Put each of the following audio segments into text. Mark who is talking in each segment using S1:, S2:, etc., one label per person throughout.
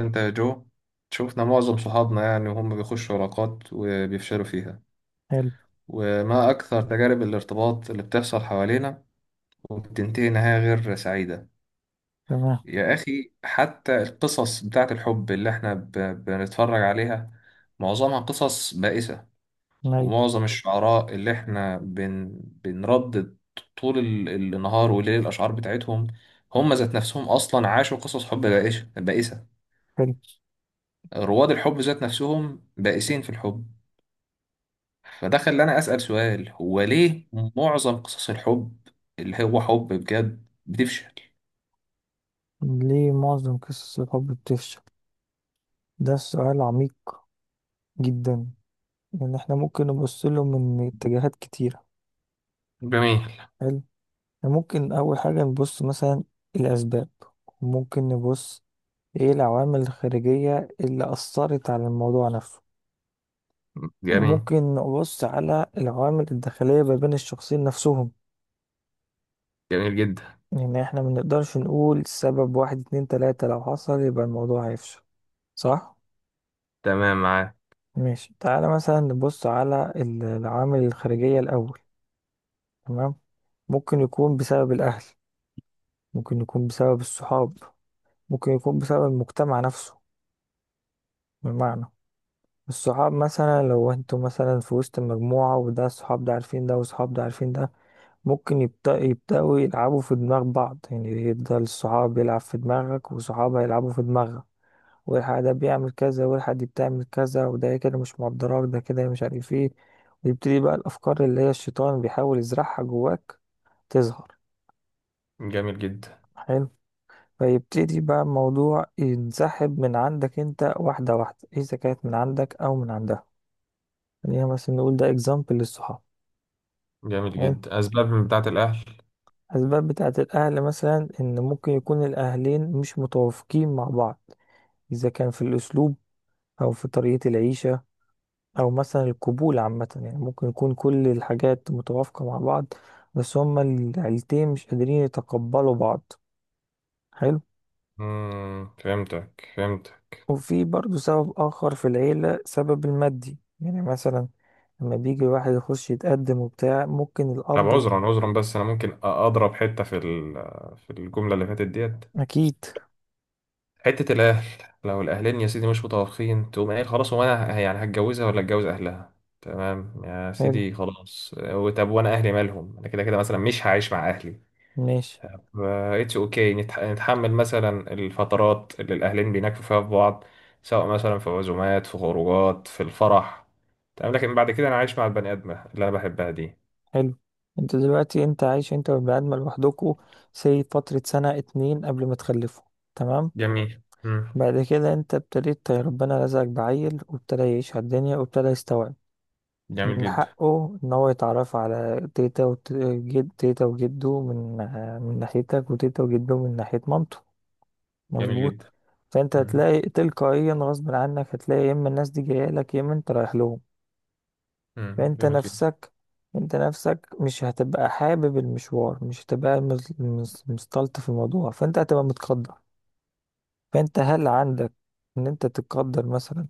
S1: انت يا جو. شفنا معظم صحابنا يعني وهم بيخشوا علاقات وبيفشلوا فيها.
S2: حلو.
S1: وما أكثر تجارب الارتباط اللي بتحصل حوالينا وبتنتهي نهاية غير سعيدة.
S2: تمام.
S1: يا أخي، حتى القصص بتاعة الحب اللي احنا بنتفرج عليها معظمها قصص بائسة.
S2: أيوة.
S1: ومعظم الشعراء اللي احنا بنردد طول النهار والليل الأشعار بتاعتهم، هم ذات نفسهم أصلا عاشوا قصص حب بائسة بائسة.
S2: حلو.
S1: رواد الحب ذات نفسهم بائسين في الحب. فده خلاني أسأل سؤال، هو ليه معظم قصص الحب اللي هو حب بجد بتفشل؟
S2: ليه معظم قصص الحب بتفشل؟ ده سؤال عميق جدا، لأن احنا ممكن نبص له من اتجاهات كتيرة.
S1: جميل.
S2: حلو. إحنا ممكن أول حاجة نبص مثلا الأسباب، وممكن نبص إيه العوامل الخارجية اللي أثرت على الموضوع نفسه،
S1: جميل.
S2: وممكن نبص على العوامل الداخلية ما بين الشخصين نفسهم.
S1: جميل جدا.
S2: يعني احنا منقدرش نقول سبب واحد اتنين تلاتة لو حصل يبقى الموضوع هيفشل، صح؟
S1: تمام معاه.
S2: ماشي، تعالى مثلا نبص على العوامل الخارجية الأول. تمام. ممكن يكون بسبب الأهل، ممكن يكون بسبب الصحاب، ممكن يكون بسبب المجتمع نفسه. بمعنى، الصحاب مثلا لو انتوا مثلا في وسط مجموعة وده الصحاب ده عارفين ده والصحاب ده عارفين ده، ممكن يبدأوا يلعبوا في دماغ بعض، يعني يفضل الصحاب يلعب في دماغك وصحاب هيلعبوا في دماغك، والحق ده بيعمل كذا والحق دي بتعمل كذا، وده كده مش مقدراك، ده كده مش عارف ايه. ويبتدي بقى الأفكار اللي هي الشيطان بيحاول يزرعها جواك تظهر.
S1: جميل جدا.
S2: حلو. فيبتدي بقى الموضوع ينسحب من عندك انت واحدة واحدة، إذا كانت من عندك أو من عندها. خلينا مثلا نقول ده اكزامبل للصحاب.
S1: جميل
S2: حلو.
S1: جدا، أسباب من بتاعة الأهل؟
S2: أسباب بتاعة الأهل مثلا إن ممكن يكون الأهلين مش متوافقين مع بعض، إذا كان في الأسلوب، أو في طريقة العيشة، او مثلا القبول عامه، يعني ممكن يكون كل الحاجات متوافقه مع بعض بس هما العيلتين مش قادرين يتقبلوا بعض. حلو.
S1: مم. فهمتك، فهمتك.
S2: وفي برضو سبب اخر في العيله، سبب المادي، يعني مثلا لما بيجي الواحد يخش يتقدم وبتاع، ممكن
S1: طب
S2: الاب.
S1: عذرا، عذرا، بس أنا ممكن أضرب حتة في في الجملة اللي فاتت ديت.
S2: اكيد.
S1: حتة الأهل، لو الأهلين يا سيدي مش متوافقين تقوم قايل خلاص، هو أنا يعني هتجوزها ولا أتجوز أهلها؟ تمام يا
S2: حلو.
S1: سيدي، خلاص آه، طب وأنا أهلي مالهم؟ أنا كده كده مثلا مش هعيش مع أهلي.
S2: ماشي.
S1: اتس أوكي، نتحمل مثلا الفترات اللي الأهلين بيناكفوا فيها في بعض، سواء مثلا في عزومات، في خروجات، في الفرح. تمام، لكن بعد كده أنا عايش مع البني آدمة اللي أنا بحبها دي.
S2: حلو. انت دلوقتي انت عايش انت والبني ادم لوحدكوا، سي فتره سنه اتنين قبل ما تخلفوا. تمام.
S1: جميل. مم.
S2: بعد كده انت ابتديت ربنا رزقك بعيل وابتدى يعيش على الدنيا وابتدى يستوعب.
S1: جميل
S2: من
S1: جدا.
S2: حقه إن هو يتعرف على تيتا وجد، تيتا وجده من من ناحيتك، وتيتا وجده من ناحية مامته.
S1: جميل
S2: مظبوط.
S1: جدا.
S2: فأنت
S1: مم.
S2: هتلاقي تلقائيا غصب عنك، هتلاقي يا إما الناس دي جاية لك يا إما أنت رايح لهم.
S1: مم.
S2: فأنت
S1: جميل جدا.
S2: نفسك، أنت نفسك مش هتبقى حابب المشوار، مش هتبقى مستلطف في الموضوع، فأنت هتبقى متقدر. فانت هل عندك ان انت تقدر مثلا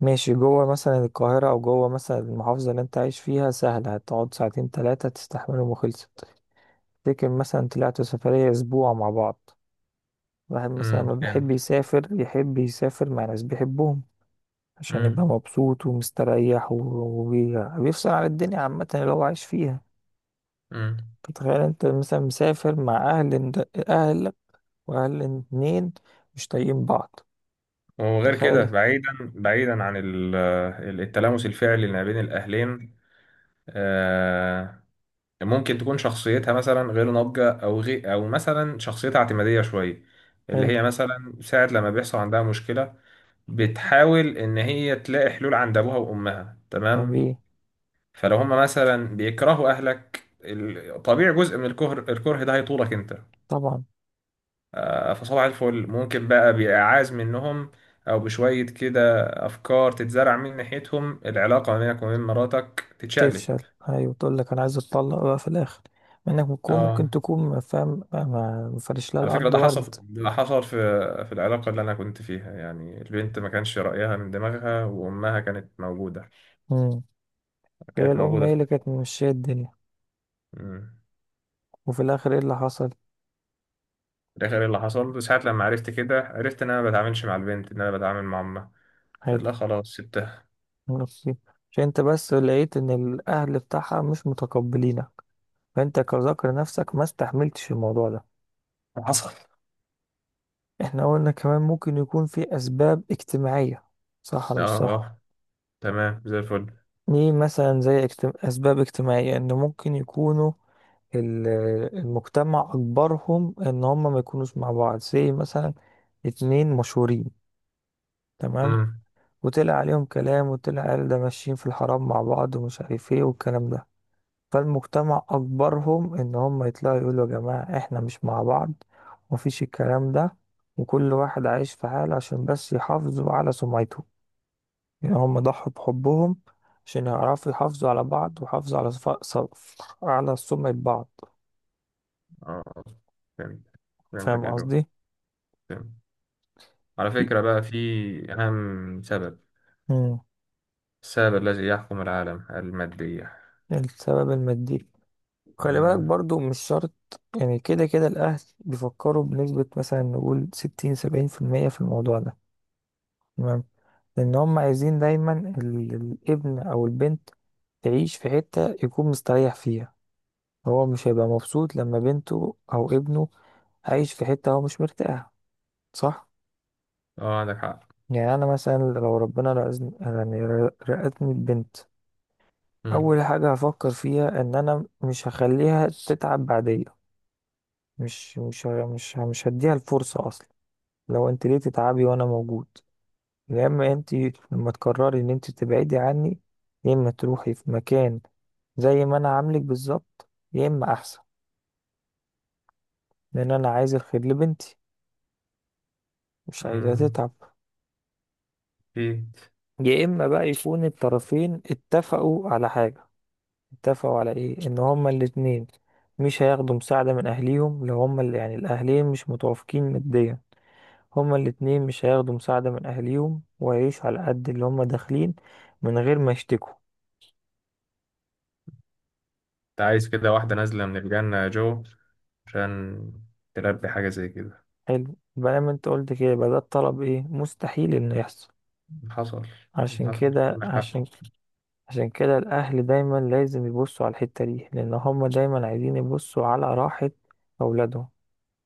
S2: ماشي جوه مثلا القاهرة او جوه مثلا المحافظة اللي انت عايش فيها، سهلة، هتقعد ساعتين تلاتة تستحملهم وخلصت. تفتكر مثلا طلعتوا سفرية اسبوع مع بعض؟ واحد مثلا
S1: مم.
S2: ما بيحب
S1: فهمت.
S2: يسافر، يحب يسافر مع ناس بيحبهم، عشان يبقى
S1: مم.
S2: مبسوط ومستريح وبيفصل عن الدنيا عامة اللي هو عايش فيها.
S1: مم.
S2: تتخيل انت مثلا مسافر مع اهل، اهلك واهل اتنين مش طايقين بعض؟
S1: وغير كده،
S2: تخيل.
S1: بعيدا بعيدا عن التلامس الفعلي اللي ما بين الاهلين، آه، ممكن تكون شخصيتها مثلا غير ناضجه او مثلا شخصيتها اعتماديه شويه، اللي
S2: حلو.
S1: هي مثلا ساعه لما بيحصل عندها مشكله بتحاول ان هي تلاقي حلول عند ابوها وامها.
S2: طب
S1: تمام،
S2: ايه؟
S1: فلو هما مثلا بيكرهوا اهلك، طبيعي جزء من الكره ده هيطولك انت.
S2: طبعا.
S1: آه، فصباح الفل ممكن بقى بإعاز منهم، أو بشوية كده أفكار تتزرع من ناحيتهم، العلاقة ما بينك وبين مراتك تتشقلب.
S2: تفشل. هاي، وتقول لك انا عايز اتطلق بقى في الاخر، مع انك ممكن
S1: اه،
S2: تكون فاهم ما فرش لها
S1: على فكرة
S2: الارض
S1: ده
S2: ورد.
S1: حصل، ده حصل في العلاقة اللي أنا كنت فيها، يعني البنت ما كانش رأيها من دماغها وأمها كانت موجودة.
S2: مم. هي
S1: كانت
S2: الام
S1: موجودة
S2: هي
S1: في
S2: اللي
S1: الآخر.
S2: كانت ممشيه الدنيا.
S1: مم.
S2: وفي الاخر ايه اللي حصل؟
S1: في الآخر إيه اللي حصل؟ بس ساعة لما عرفت كده، عرفت إن أنا ما بتعاملش مع البنت، إن أنا بتعامل مع أمها.
S2: عادي.
S1: لا، خلاص، سبتها.
S2: نصيب. عشان انت بس لقيت ان الاهل بتاعها مش متقبلينك، فانت كذكر نفسك ما استحملتش الموضوع ده.
S1: حصل.
S2: احنا قلنا كمان ممكن يكون في اسباب اجتماعيه، صح ولا
S1: اه.
S2: مش صح؟
S1: اه. تمام زي الفل.
S2: ليه مثلا زي اسباب اجتماعيه، ان ممكن يكونوا ال- المجتمع أجبرهم إن هم ما يكونوش مع بعض، زي مثلا اتنين مشهورين، تمام، وطلع عليهم كلام وطلع قال ده ماشيين في الحرام مع بعض ومش عارف ايه والكلام ده، فالمجتمع أجبرهم إن هم يطلعوا يقولوا يا جماعة احنا مش مع بعض ومفيش الكلام ده، وكل واحد عايش في حاله عشان بس يحافظوا على سمعته. يعني هم ضحوا بحبهم عشان يعرفوا يحافظوا على بعض ويحافظوا على على سمعة بعض.
S1: اه. فهمت. فهمتك
S2: فاهم
S1: يا جو.
S2: قصدي؟
S1: فهمت. على
S2: في.
S1: فكرة بقى، في أهم سبب،
S2: مم.
S1: السبب الذي يحكم العالم، المادية.
S2: السبب المادي، خلي بالك
S1: أمم.
S2: برضو مش شرط. يعني كده كده الأهل بيفكروا بنسبة مثلا نقول ستين سبعين في المية في الموضوع ده. تمام. لأن هم عايزين دايما الابن أو البنت تعيش في حتة يكون مستريح فيها. هو مش هيبقى مبسوط لما بنته أو ابنه عايش في حتة هو مش مرتاح، صح؟
S1: اه، عندك حق.
S2: يعني أنا مثلا لو ربنا رزقني يعني رزقني ببنت،
S1: أمم.
S2: أول حاجة هفكر فيها إن أنا مش هخليها تتعب بعدين. مش هديها الفرصة أصلا. لو أنت ليه تتعبي وأنا موجود؟ يا إما أنت لما تقرري إن أنت تبعدي عني، يا إما تروحي في مكان زي ما أنا عاملك بالظبط يا إما أحسن، لأن أنا عايز الخير لبنتي، مش عايزها
S1: أمم.
S2: تتعب.
S1: في.
S2: يا إما بقى يكون الطرفين اتفقوا على حاجة، اتفقوا على إيه؟ إن هما الاتنين مش هياخدوا مساعدة من أهليهم، لو هما اللي يعني الأهلين مش متوافقين ماديا. هما الاتنين مش هياخدوا مساعدة من أهليهم ويعيشوا على قد اللي هما داخلين من غير ما يشتكوا.
S1: أنت عايز كده واحدة نازلة من الجنة يا جو، عشان تلبي حاجة زي كده.
S2: حلو بقى، ما انت قلت كده يبقى ده الطلب ايه مستحيل انه يحصل.
S1: حصل.
S2: عشان
S1: حصل.
S2: كده
S1: عندك حق.
S2: عشان عشان كده الأهل دايما لازم يبصوا على الحتة دي، لأن هما دايما عايزين يبصوا على راحة أولادهم.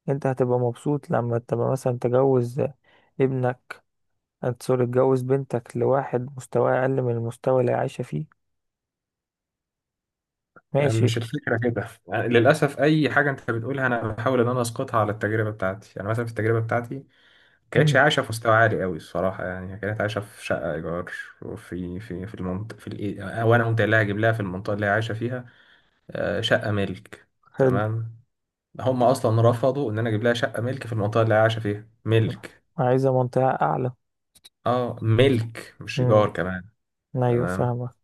S2: انت هتبقى مبسوط لما تبقى مثلا تجوز ابنك، سوري تجوز بنتك لواحد مستواه أقل من المستوى اللي هي عايشة فيه؟ ماشي.
S1: مش الفكرة كده، يعني للأسف أي حاجة أنت بتقولها أنا بحاول إن أنا أسقطها على التجربة بتاعتي. يعني مثلا في التجربة بتاعتي، كانتش
S2: مم.
S1: عايشة في مستوى عالي قوي الصراحة، يعني هي كانت عايشة في شقة إيجار، وفي في في المنطقة في الإيه، وأنا قمت قايل لها أجيب لها في المنطقة اللي هي عايشة فيها آه، شقة ملك.
S2: حلو.
S1: تمام. هم أصلا رفضوا إن أنا أجيب لها شقة ملك في المنطقة اللي هي عايشة فيها، ملك.
S2: عايزة منطقة أعلى.
S1: أه، ملك مش
S2: امم.
S1: إيجار كمان.
S2: ايوه،
S1: تمام.
S2: فاهمك.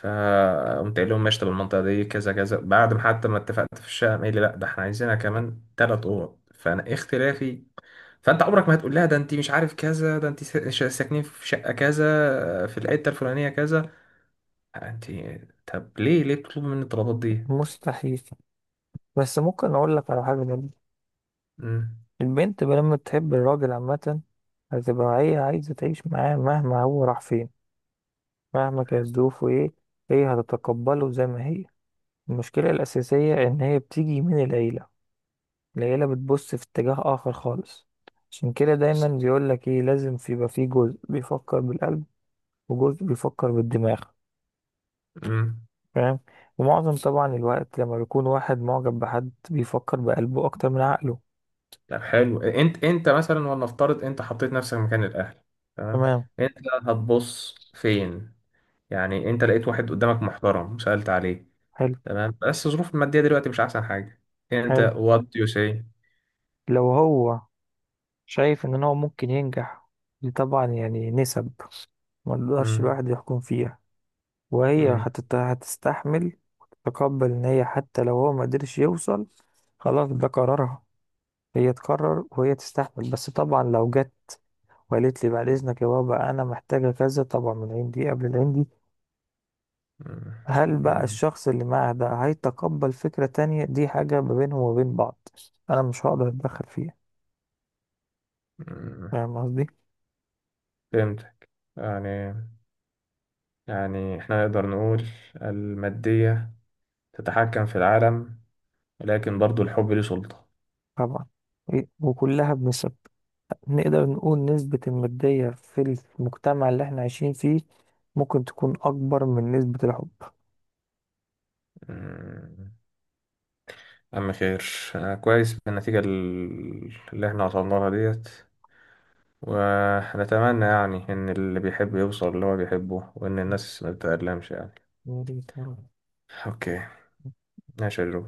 S1: فقمت قايل لهم ماشي، طب المنطقة دي كذا كذا، بعد ما حتى ما اتفقت في الشقة قايل لي لأ، ده إحنا عايزينها كمان تلات أوض، فأنا اختلافي. فانت عمرك ما هتقول لها ده انت مش عارف كذا، ده انت ساكنين في شقه كذا في الحته الفلانيه كذا. انت، طب ليه بتطلبوا مني الطلبات دي؟
S2: مستحيل، بس ممكن اقول لك على حاجه جميلة.
S1: امم.
S2: البنت لما تحب الراجل عامه هتبقى هي عايزه تعيش معاه مهما هو راح فين، مهما كانت ظروفه ايه، هي هتتقبله زي ما هي. المشكله الاساسيه ان هي بتيجي من العيله، العيله بتبص في اتجاه اخر خالص. عشان كده دايما بيقول لك ايه، لازم يبقى في جزء بيفكر بالقلب وجزء بيفكر بالدماغ.
S1: امم.
S2: فاهم. ومعظم طبعا الوقت لما بيكون واحد معجب بحد بيفكر بقلبه اكتر من عقله.
S1: طب حلو، انت مثلا ولنفترض انت حطيت نفسك مكان الاهل. تمام.
S2: تمام.
S1: انت هتبص فين؟ يعني انت لقيت واحد قدامك محترم وسالت عليه،
S2: حلو.
S1: تمام، بس الظروف الماديه دلوقتي مش احسن حاجه. انت،
S2: حلو.
S1: what do you say؟
S2: لو هو شايف ان هو ممكن ينجح، دي طبعا يعني نسب ما نقدرش
S1: امم.
S2: الواحد يحكم فيها. وهي
S1: امم.
S2: هتستحمل وتتقبل ان هي حتى لو هو ما قدرش يوصل، خلاص ده قرارها، هي تقرر وهي تستحمل. بس طبعا لو جت وقالت لي بعد اذنك يا بابا انا محتاجة كذا، طبعا من عندي قبل العندي.
S1: امم،
S2: هل بقى
S1: جامد.
S2: الشخص اللي معاه ده هيتقبل فكرة تانية؟ دي حاجة ما بينهم وبين بعض، انا مش هقدر اتدخل فيها.
S1: امم.
S2: فاهم قصدي؟
S1: فهمتك. يعني يعني احنا نقدر نقول المادية تتحكم في العالم، لكن برضو الحب ليه سلطة.
S2: طبعا. وكلها بنسب. نقدر نقول نسبة المادية في المجتمع اللي احنا عايشين فيه ممكن تكون أكبر من نسبة الحب.
S1: أمم. أما خير، أنا كويس بالنتيجة اللي احنا وصلنا لها ديت. ونتمنى يعني إن اللي بيحب يوصل اللي هو بيحبه وإن الناس ما تتألمش يعني.
S2: وليد مرة.
S1: أوكي. ماشي يا جو.